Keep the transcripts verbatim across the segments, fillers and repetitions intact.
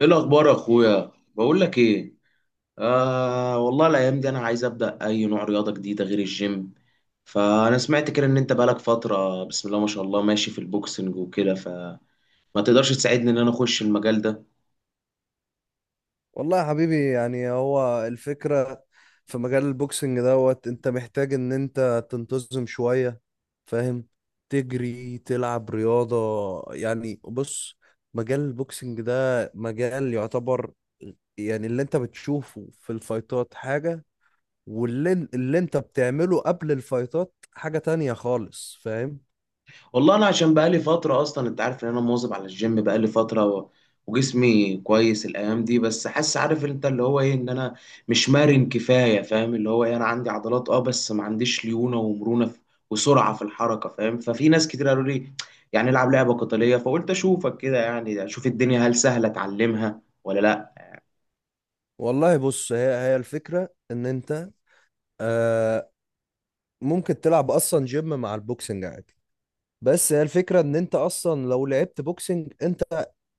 ايه الاخبار يا اخويا، بقول لك ايه؟ آه، والله الايام دي انا عايز ابدا اي نوع رياضه جديده غير الجيم. فانا سمعت كده ان انت بقالك فتره، بسم الله ما شاء الله، ماشي في البوكسنج وكده، فما تقدرش تساعدني ان انا اخش المجال ده؟ والله يا حبيبي، يعني هو الفكرة في مجال البوكسنج دوت. انت محتاج ان انت تنتظم شوية. فاهم؟ تجري، تلعب رياضة. يعني بص، مجال البوكسنج ده مجال يعتبر، يعني اللي انت بتشوفه في الفايتات حاجة، واللي اللي انت بتعمله قبل الفايتات حاجة تانية خالص. فاهم؟ والله انا عشان بقالي فتره اصلا، انت عارف ان انا مواظب على الجيم بقالي فتره و... وجسمي كويس الايام دي، بس حاسس، عارف انت اللي هو ايه، ان انا مش مرن كفايه، فاهم اللي هو ايه، انا عندي عضلات، اه، بس ما عنديش ليونه ومرونه في... وسرعه في الحركه، فاهم؟ ففي ناس كتير قالوا لي يعني العب لعبه قتاليه، فقلت اشوفك كده يعني، اشوف الدنيا هل سهله اتعلمها ولا لا. والله بص، هي هي الفكرة ان انت، آه ممكن تلعب اصلا جيم مع البوكسنج عادي. بس هي الفكرة ان انت اصلا لو لعبت بوكسنج انت،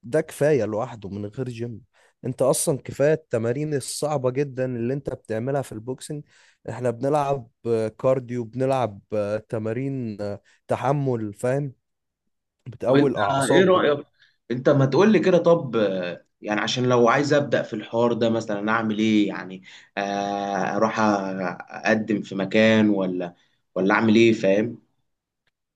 ده كفاية لوحده من غير جيم. انت اصلا كفاية التمارين الصعبة جدا اللي انت بتعملها في البوكسنج. احنا بنلعب آه، كارديو، بنلعب آه، تمارين، آه، تحمل. فاهم؟ طب بتقوي انت ايه الاعصاب. رأيك؟ انت ما تقول لي كده طب، آه، يعني عشان لو عايز ابدأ في الحوار ده مثلا اعمل ايه يعني؟ آه، اروح أ- اقدم في مكان، ولا ولا اعمل ايه، فاهم؟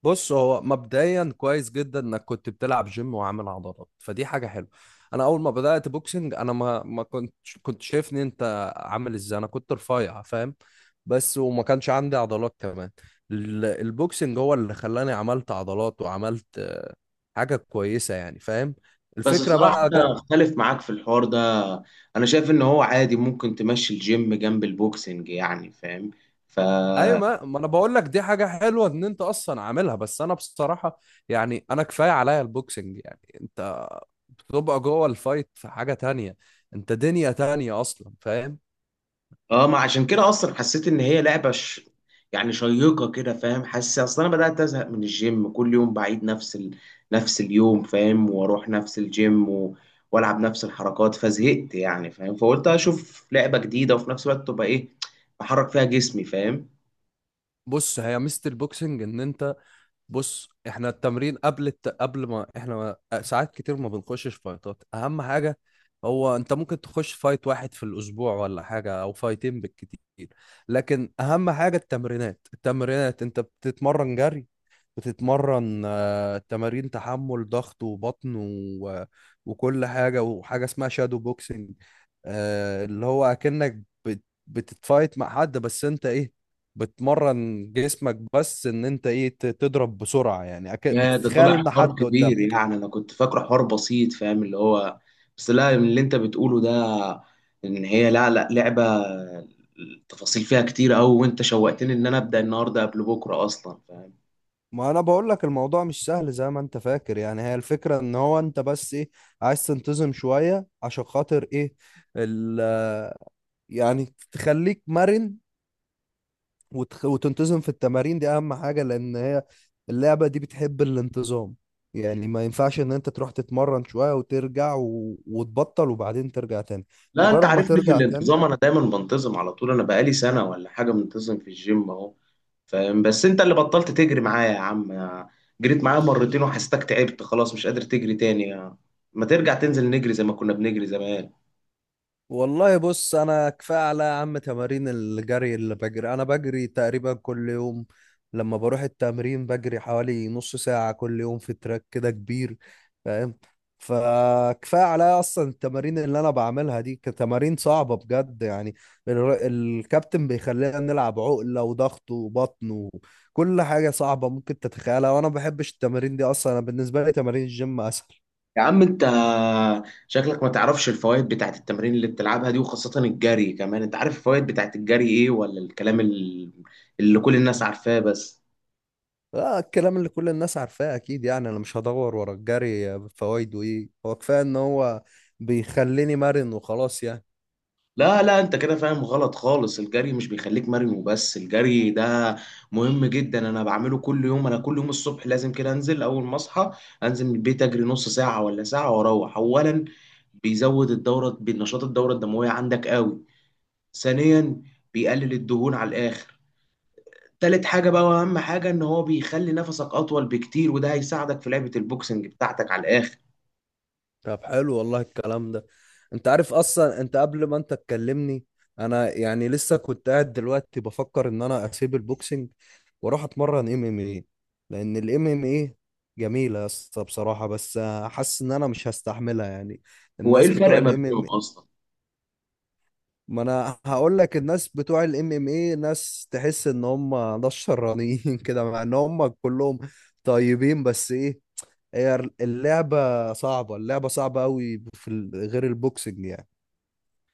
بص، هو مبدئيا كويس جدا انك كنت بتلعب جيم وعامل عضلات، فدي حاجه حلوه. انا اول ما بدات بوكسنج، انا ما ما كنت، كنت شايفني انت عامل ازاي، انا كنت رفيع. فاهم؟ بس وما كانش عندي عضلات كمان. ال- البوكسنج هو اللي خلاني عملت عضلات وعملت آه، حاجه كويسه يعني. فاهم؟ بس الفكره الصراحة بقى. انا اختلف معاك في الحوار ده. انا شايف ان هو عادي، ممكن تمشي الجيم جنب البوكسنج يعني، فاهم؟ ف ايوه، ما ما انا بقول لك دي حاجه حلوه ان انت اصلا عاملها، بس انا بصراحه يعني انا كفايه عليا البوكسنج. يعني انت بتبقى جوه الفايت في حاجه تانية، انت دنيا تانية اصلا. فاهم؟ اه، ما عشان كده اصلا حسيت ان هي لعبه ش... يعني شيقه كده، فاهم؟ حاسس اصلا انا بدات ازهق من الجيم، كل يوم بعيد نفس ال... نفس اليوم، فاهم؟ واروح نفس الجيم و... والعب نفس الحركات، فزهقت يعني، فاهم؟ فقلت اشوف لعبه جديده، وفي نفس الوقت تبقى ايه، بحرك فيها جسمي، فاهم؟ بص، هي ميزه البوكسنج ان انت، بص احنا التمرين قبل الت... قبل ما احنا ساعات كتير ما بنخشش فايتات. اهم حاجة هو انت ممكن تخش فايت واحد في الاسبوع ولا حاجة، او فايتين بالكتير. لكن اهم حاجة التمرينات. التمرينات انت بتتمرن جري، بتتمرن آه، تمارين تحمل، ضغط وبطن و... وكل حاجة. وحاجة اسمها شادو بوكسنج، آه، اللي هو اكنك بت... بتتفايت مع حد، بس انت ايه، بتمرن جسمك. بس ان انت ايه، ت- تضرب بسرعة. يعني أك... يا، ده بتتخيل طلع ان حوار حد كبير قدامك. يعني، انا كنت فاكره حوار بسيط، فاهم اللي هو؟ بس لا، من اللي انت بتقوله ده ان هي، لا لا، لعبه التفاصيل فيها كتير قوي، وانت شوقتني ان انا ابدا النهارده قبل بكره اصلا، فاهم؟ ما انا بقول لك الموضوع مش سهل زي ما انت فاكر. يعني هي الفكرة ان هو انت بس ايه، عايز تنتظم شوية عشان خاطر ايه، ال... يعني تخليك مرن وتخ... وتنتظم في التمارين دي. اهم حاجة، لان هي اللعبة دي بتحب الانتظام. يعني ما ينفعش ان انت تروح تتمرن شوية وترجع و... وتبطل وبعدين ترجع تاني. لا، انت مجرد ما عارفني في ترجع تاني. الانتظام، انا دايما بنتظم على طول. انا بقالي سنه ولا حاجه منتظم في الجيم اهو، فاهم؟ بس انت اللي بطلت تجري معايا يا عم. جريت معايا مرتين وحسيتك تعبت خلاص، مش قادر تجري تاني. ما ترجع تنزل نجري زي ما كنا بنجري زمان. والله بص، انا كفايه على يا عم تمارين الجري اللي بجري. انا بجري تقريبا كل يوم، لما بروح التمرين بجري حوالي نص ساعه كل يوم في تراك كده كبير. فاهم؟ فكفايه على اصلا التمارين اللي انا بعملها دي كتمارين صعبه بجد. يعني الر- الكابتن بيخلينا نلعب عقله وضغط وبطن وكل حاجه صعبه ممكن تتخيلها. وانا ما بحبش التمارين دي اصلا. انا بالنسبه لي تمارين الجيم اسهل. يا عم انت، شكلك ما تعرفش الفوائد بتاعت التمارين اللي بتلعبها دي، وخاصة الجري كمان. انت عارف الفوائد بتاعت الجري ايه، ولا الكلام ال- اللي كل الناس عارفاه بس؟ اه، الكلام اللي كل الناس عارفاه اكيد. يعني انا مش هدور ورا الجري فوائده ايه، هو كفايه ان هو بيخليني مرن وخلاص يعني. لا لا، انت كده فاهم غلط خالص. الجري مش بيخليك مرن وبس، الجري ده مهم جدا. انا بعمله كل يوم. انا كل يوم الصبح لازم كده انزل اول ما اصحى، انزل من البيت اجري نص ساعة ولا ساعة واروح. اولا، بيزود الدورة، بنشاط الدورة الدموية عندك قوي. ثانيا، بيقلل الدهون على الاخر. تالت حاجة بقى وأهم حاجة، إن هو بيخلي نفسك أطول بكتير، وده هيساعدك في لعبة البوكسنج بتاعتك على الآخر. طب حلو والله الكلام ده. انت عارف، اصلا انت قبل ما انت تكلمني انا يعني لسه كنت قاعد دلوقتي بفكر ان انا اسيب البوكسنج واروح اتمرن ام ام ايه. لان الام ام ايه جميله يا اسطى بصراحه. بس حاسس ان انا مش هستحملها يعني. هو إيه الناس بتوع الفرق ما بينهم الام، أصلا؟ ما انا هقول لك الناس بتوع الام ام اي ناس تحس ان هم ناس شرانيين كده، مع ان هم كلهم طيبين، بس ايه، هي اللعبة صعبة. اللعبة صعبة قوي، في ال- غير البوكسنج يعني.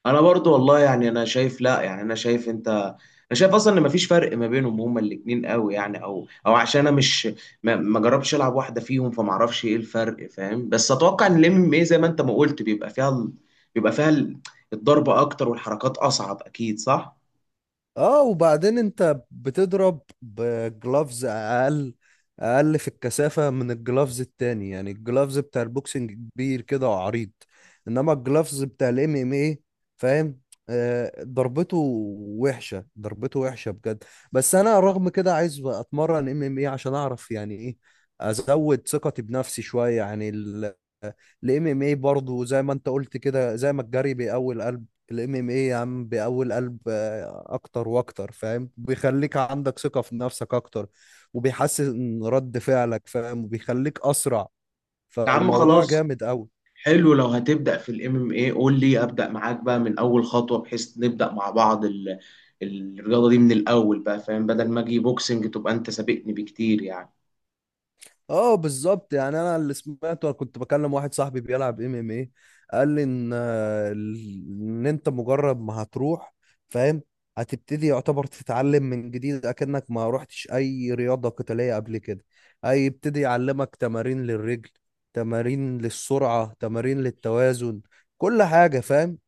أنا برضو والله يعني، أنا شايف، لا، يعني أنا شايف، أنت، أنا شايف أصلا إن مفيش فرق ما بينهم، هما الاتنين قوي يعني. أو أو عشان أنا مش ما, ما جربتش ألعب واحدة فيهم، فمعرفش إيه الفرق، فاهم؟ بس أتوقع إن الام ام اي زي ما أنت ما قلت، بيبقى فيها ال- بيبقى فيها ال- الضربة أكتر، والحركات أصعب، أكيد صح؟ اه، وبعدين انت بتضرب بجلافز اقل، اقل في الكثافة من الجلافز التاني. يعني الجلافز بتاع البوكسنج كبير كده وعريض، انما الجلافز بتاع الام ام اي. فاهم؟ آه ضربته وحشة، ضربته وحشة بجد. بس انا رغم كده عايز اتمرن ام ام اي عشان اعرف يعني ايه، ازود ثقتي بنفسي شوية يعني. الام ام اي برضه زي ما انت قلت كده، زي ما الجري بيقوي القلب، الام ام ايه يا عم بأول قلب آه، اكتر واكتر. فاهم؟ بيخليك عندك ثقة في نفسك اكتر، وبيحسن رد فعلك. فاهم؟ وبيخليك اسرع. يا عم فالموضوع خلاص، جامد قوي. حلو. لو هتبدأ في الام ام اي قول لي ابدأ معاك بقى من اول خطوة، بحيث نبدأ مع بعض ال... الرياضة دي من الاول بقى، فاهم؟ بدل ما اجي بوكسنج تبقى انت سابقني بكتير يعني. اه، بالظبط. يعني انا اللي سمعته، كنت بكلم واحد صاحبي بيلعب ام ام ايه، قال لي ان آه، ال- ان انت مجرد ما هتروح، فاهم، هتبتدي يعتبر تتعلم من جديد اكنك ما روحتش اي رياضة قتالية قبل كده. هيبتدي يعلمك تمارين للرجل، تمارين للسرعة، تمارين للتوازن، كل حاجة. فاهم؟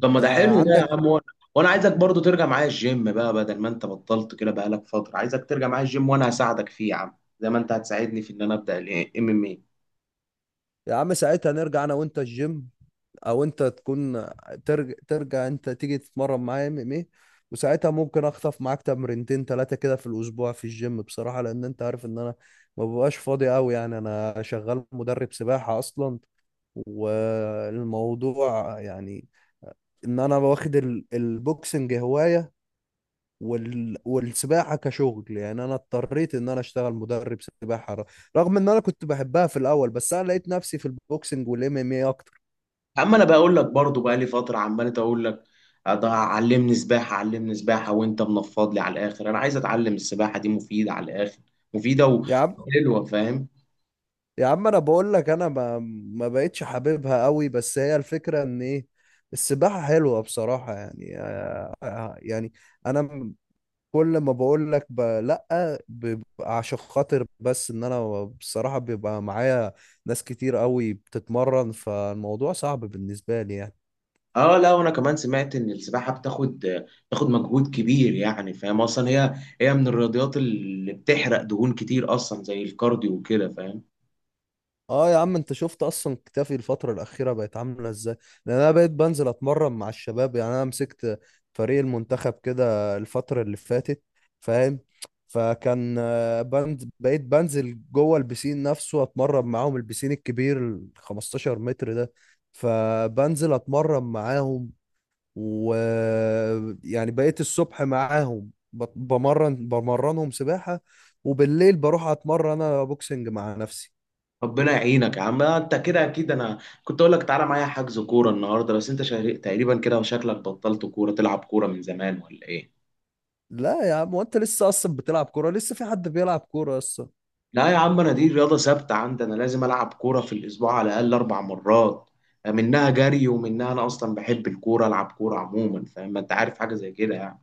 طب ما ده آه، حلو ده عندك. يا عم. وانا وأنا عايزك برضو ترجع معايا الجيم بقى، بدل ما انت بطلت كده بقالك فترة. عايزك ترجع معايا الجيم وانا هساعدك فيه يا عم، زي ما انت هتساعدني في ان انا ابدأ الام ام اي. يا عم ساعتها نرجع انا وانت الجيم، او انت تكون ترجع, ترجع, انت تيجي تتمرن معايا ام ام ايه. وساعتها ممكن اخطف معاك تمرينتين ثلاثه كده في الاسبوع في الجيم بصراحه. لان انت عارف ان انا ما ببقاش فاضي قوي يعني. انا شغال مدرب سباحه اصلا. والموضوع يعني ان انا واخد ال- البوكسنج هواية، وال... والسباحة كشغل. يعني انا اضطريت ان انا اشتغل مدرب سباحة، ر- رغم ان انا كنت بحبها في الاول. بس انا لقيت نفسي في البوكسنج والام ام اي اكتر. اما انا بقول لك برضو، بقى لي فتره عمال اقول لك، أضع- علمني سباحه، علمني سباحه. وانت منفض لي على الاخر. انا عايز اتعلم السباحه، دي مفيده على الاخر، مفيده و- يا عم، وحلوه، فاهم؟ يا عم انا بقول لك انا ما ما بقتش حاببها قوي. بس هي الفكره ان ايه، السباحه حلوه بصراحه يعني. آه، يعني انا م- كل ما بقول لك ب... لا، بيبقى عشان خاطر بس ان انا بصراحه بيبقى معايا ناس كتير قوي بتتمرن، فالموضوع صعب بالنسبه لي يعني. اه لا، وانا كمان سمعت ان السباحه بتاخد بتاخد مجهود كبير يعني، فاهم؟ اصلا هي، هي من الرياضيات اللي بتحرق دهون كتير اصلا، زي الكارديو وكده، فاهم؟ اه يا عم، انت شفت اصلا كتافي الفترة الأخيرة بقت عاملة ازاي؟ لأن انا بقيت بنزل اتمرن مع الشباب. يعني انا مسكت فريق المنتخب كده الفترة اللي فاتت. فاهم؟ فكان آه، بنز... بقيت بنزل جوه البسين نفسه اتمرن معاهم. البسين الكبير ال 15 متر ده، فبنزل اتمرن معاهم و، يعني بقيت الصبح معاهم بت- بمرن بمرنهم سباحة. وبالليل بروح اتمرن انا بوكسنج مع نفسي. ربنا يعينك يا عم. آه، انت كده اكيد. انا كنت اقول لك تعالى معايا حجز كوره النهارده، بس انت شا- تقريبا كده، وشكلك بطلت كوره، تلعب كوره من زمان ولا ايه؟ لا يا عم، وانت لسه اصلا بتلعب كوره؟ لسه في حد بيلعب كوره اصلا؟ لا يا عم، انا دي رياضه ثابته عندي. انا لازم العب كوره في الاسبوع على الاقل اربع مرات، منها جري، ومنها انا اصلا بحب الكوره، العب كوره عموما، فاهم؟ ما انت عارف حاجه زي كده يعني.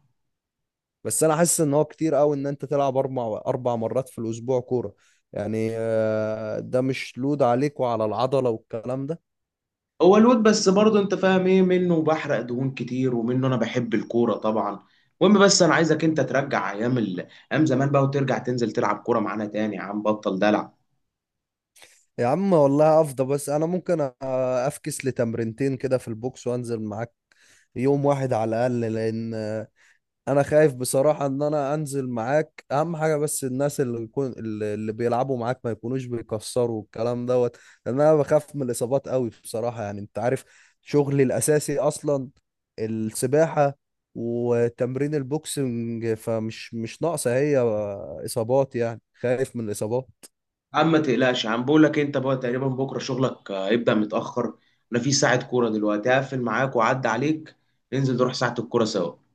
بس انا حاسس ان هو كتير قوي ان انت تلعب اربع اربع مرات في الاسبوع كوره. يعني آه، ده مش لود عليك وعلى العضله والكلام ده. هو الواد بس برضه، انت فاهم ايه، منه بحرق دهون كتير، ومنه انا بحب الكوره طبعا. المهم، بس انا عايزك انت ترجع ايام ال... ايام زمان بقى، وترجع تنزل تلعب كوره معانا تاني يا عم، بطل دلع. يا عم والله افضل. بس انا ممكن آه، افكس لتمرينتين كده في البوكس وانزل معاك يوم واحد على الاقل. لان انا خايف بصراحة ان انا انزل معاك اهم حاجة، بس الناس اللي يكون اللي اللي بيلعبوا معاك ما يكونوش بيكسروا الكلام دوت. لان انا بخاف من الاصابات قوي بصراحة. يعني انت عارف شغلي الاساسي اصلا السباحة وتمرين البوكسنج، فمش مش ناقصة هي اصابات. يعني خايف من الاصابات. يا عم ما تقلقش يا عم، بقول لك انت بقى تقريبا بكره شغلك آه، هيبدا متاخر. انا في ساعه كوره دلوقتي، هقفل معاك واعدي عليك، ننزل نروح ساعه الكوره سوا.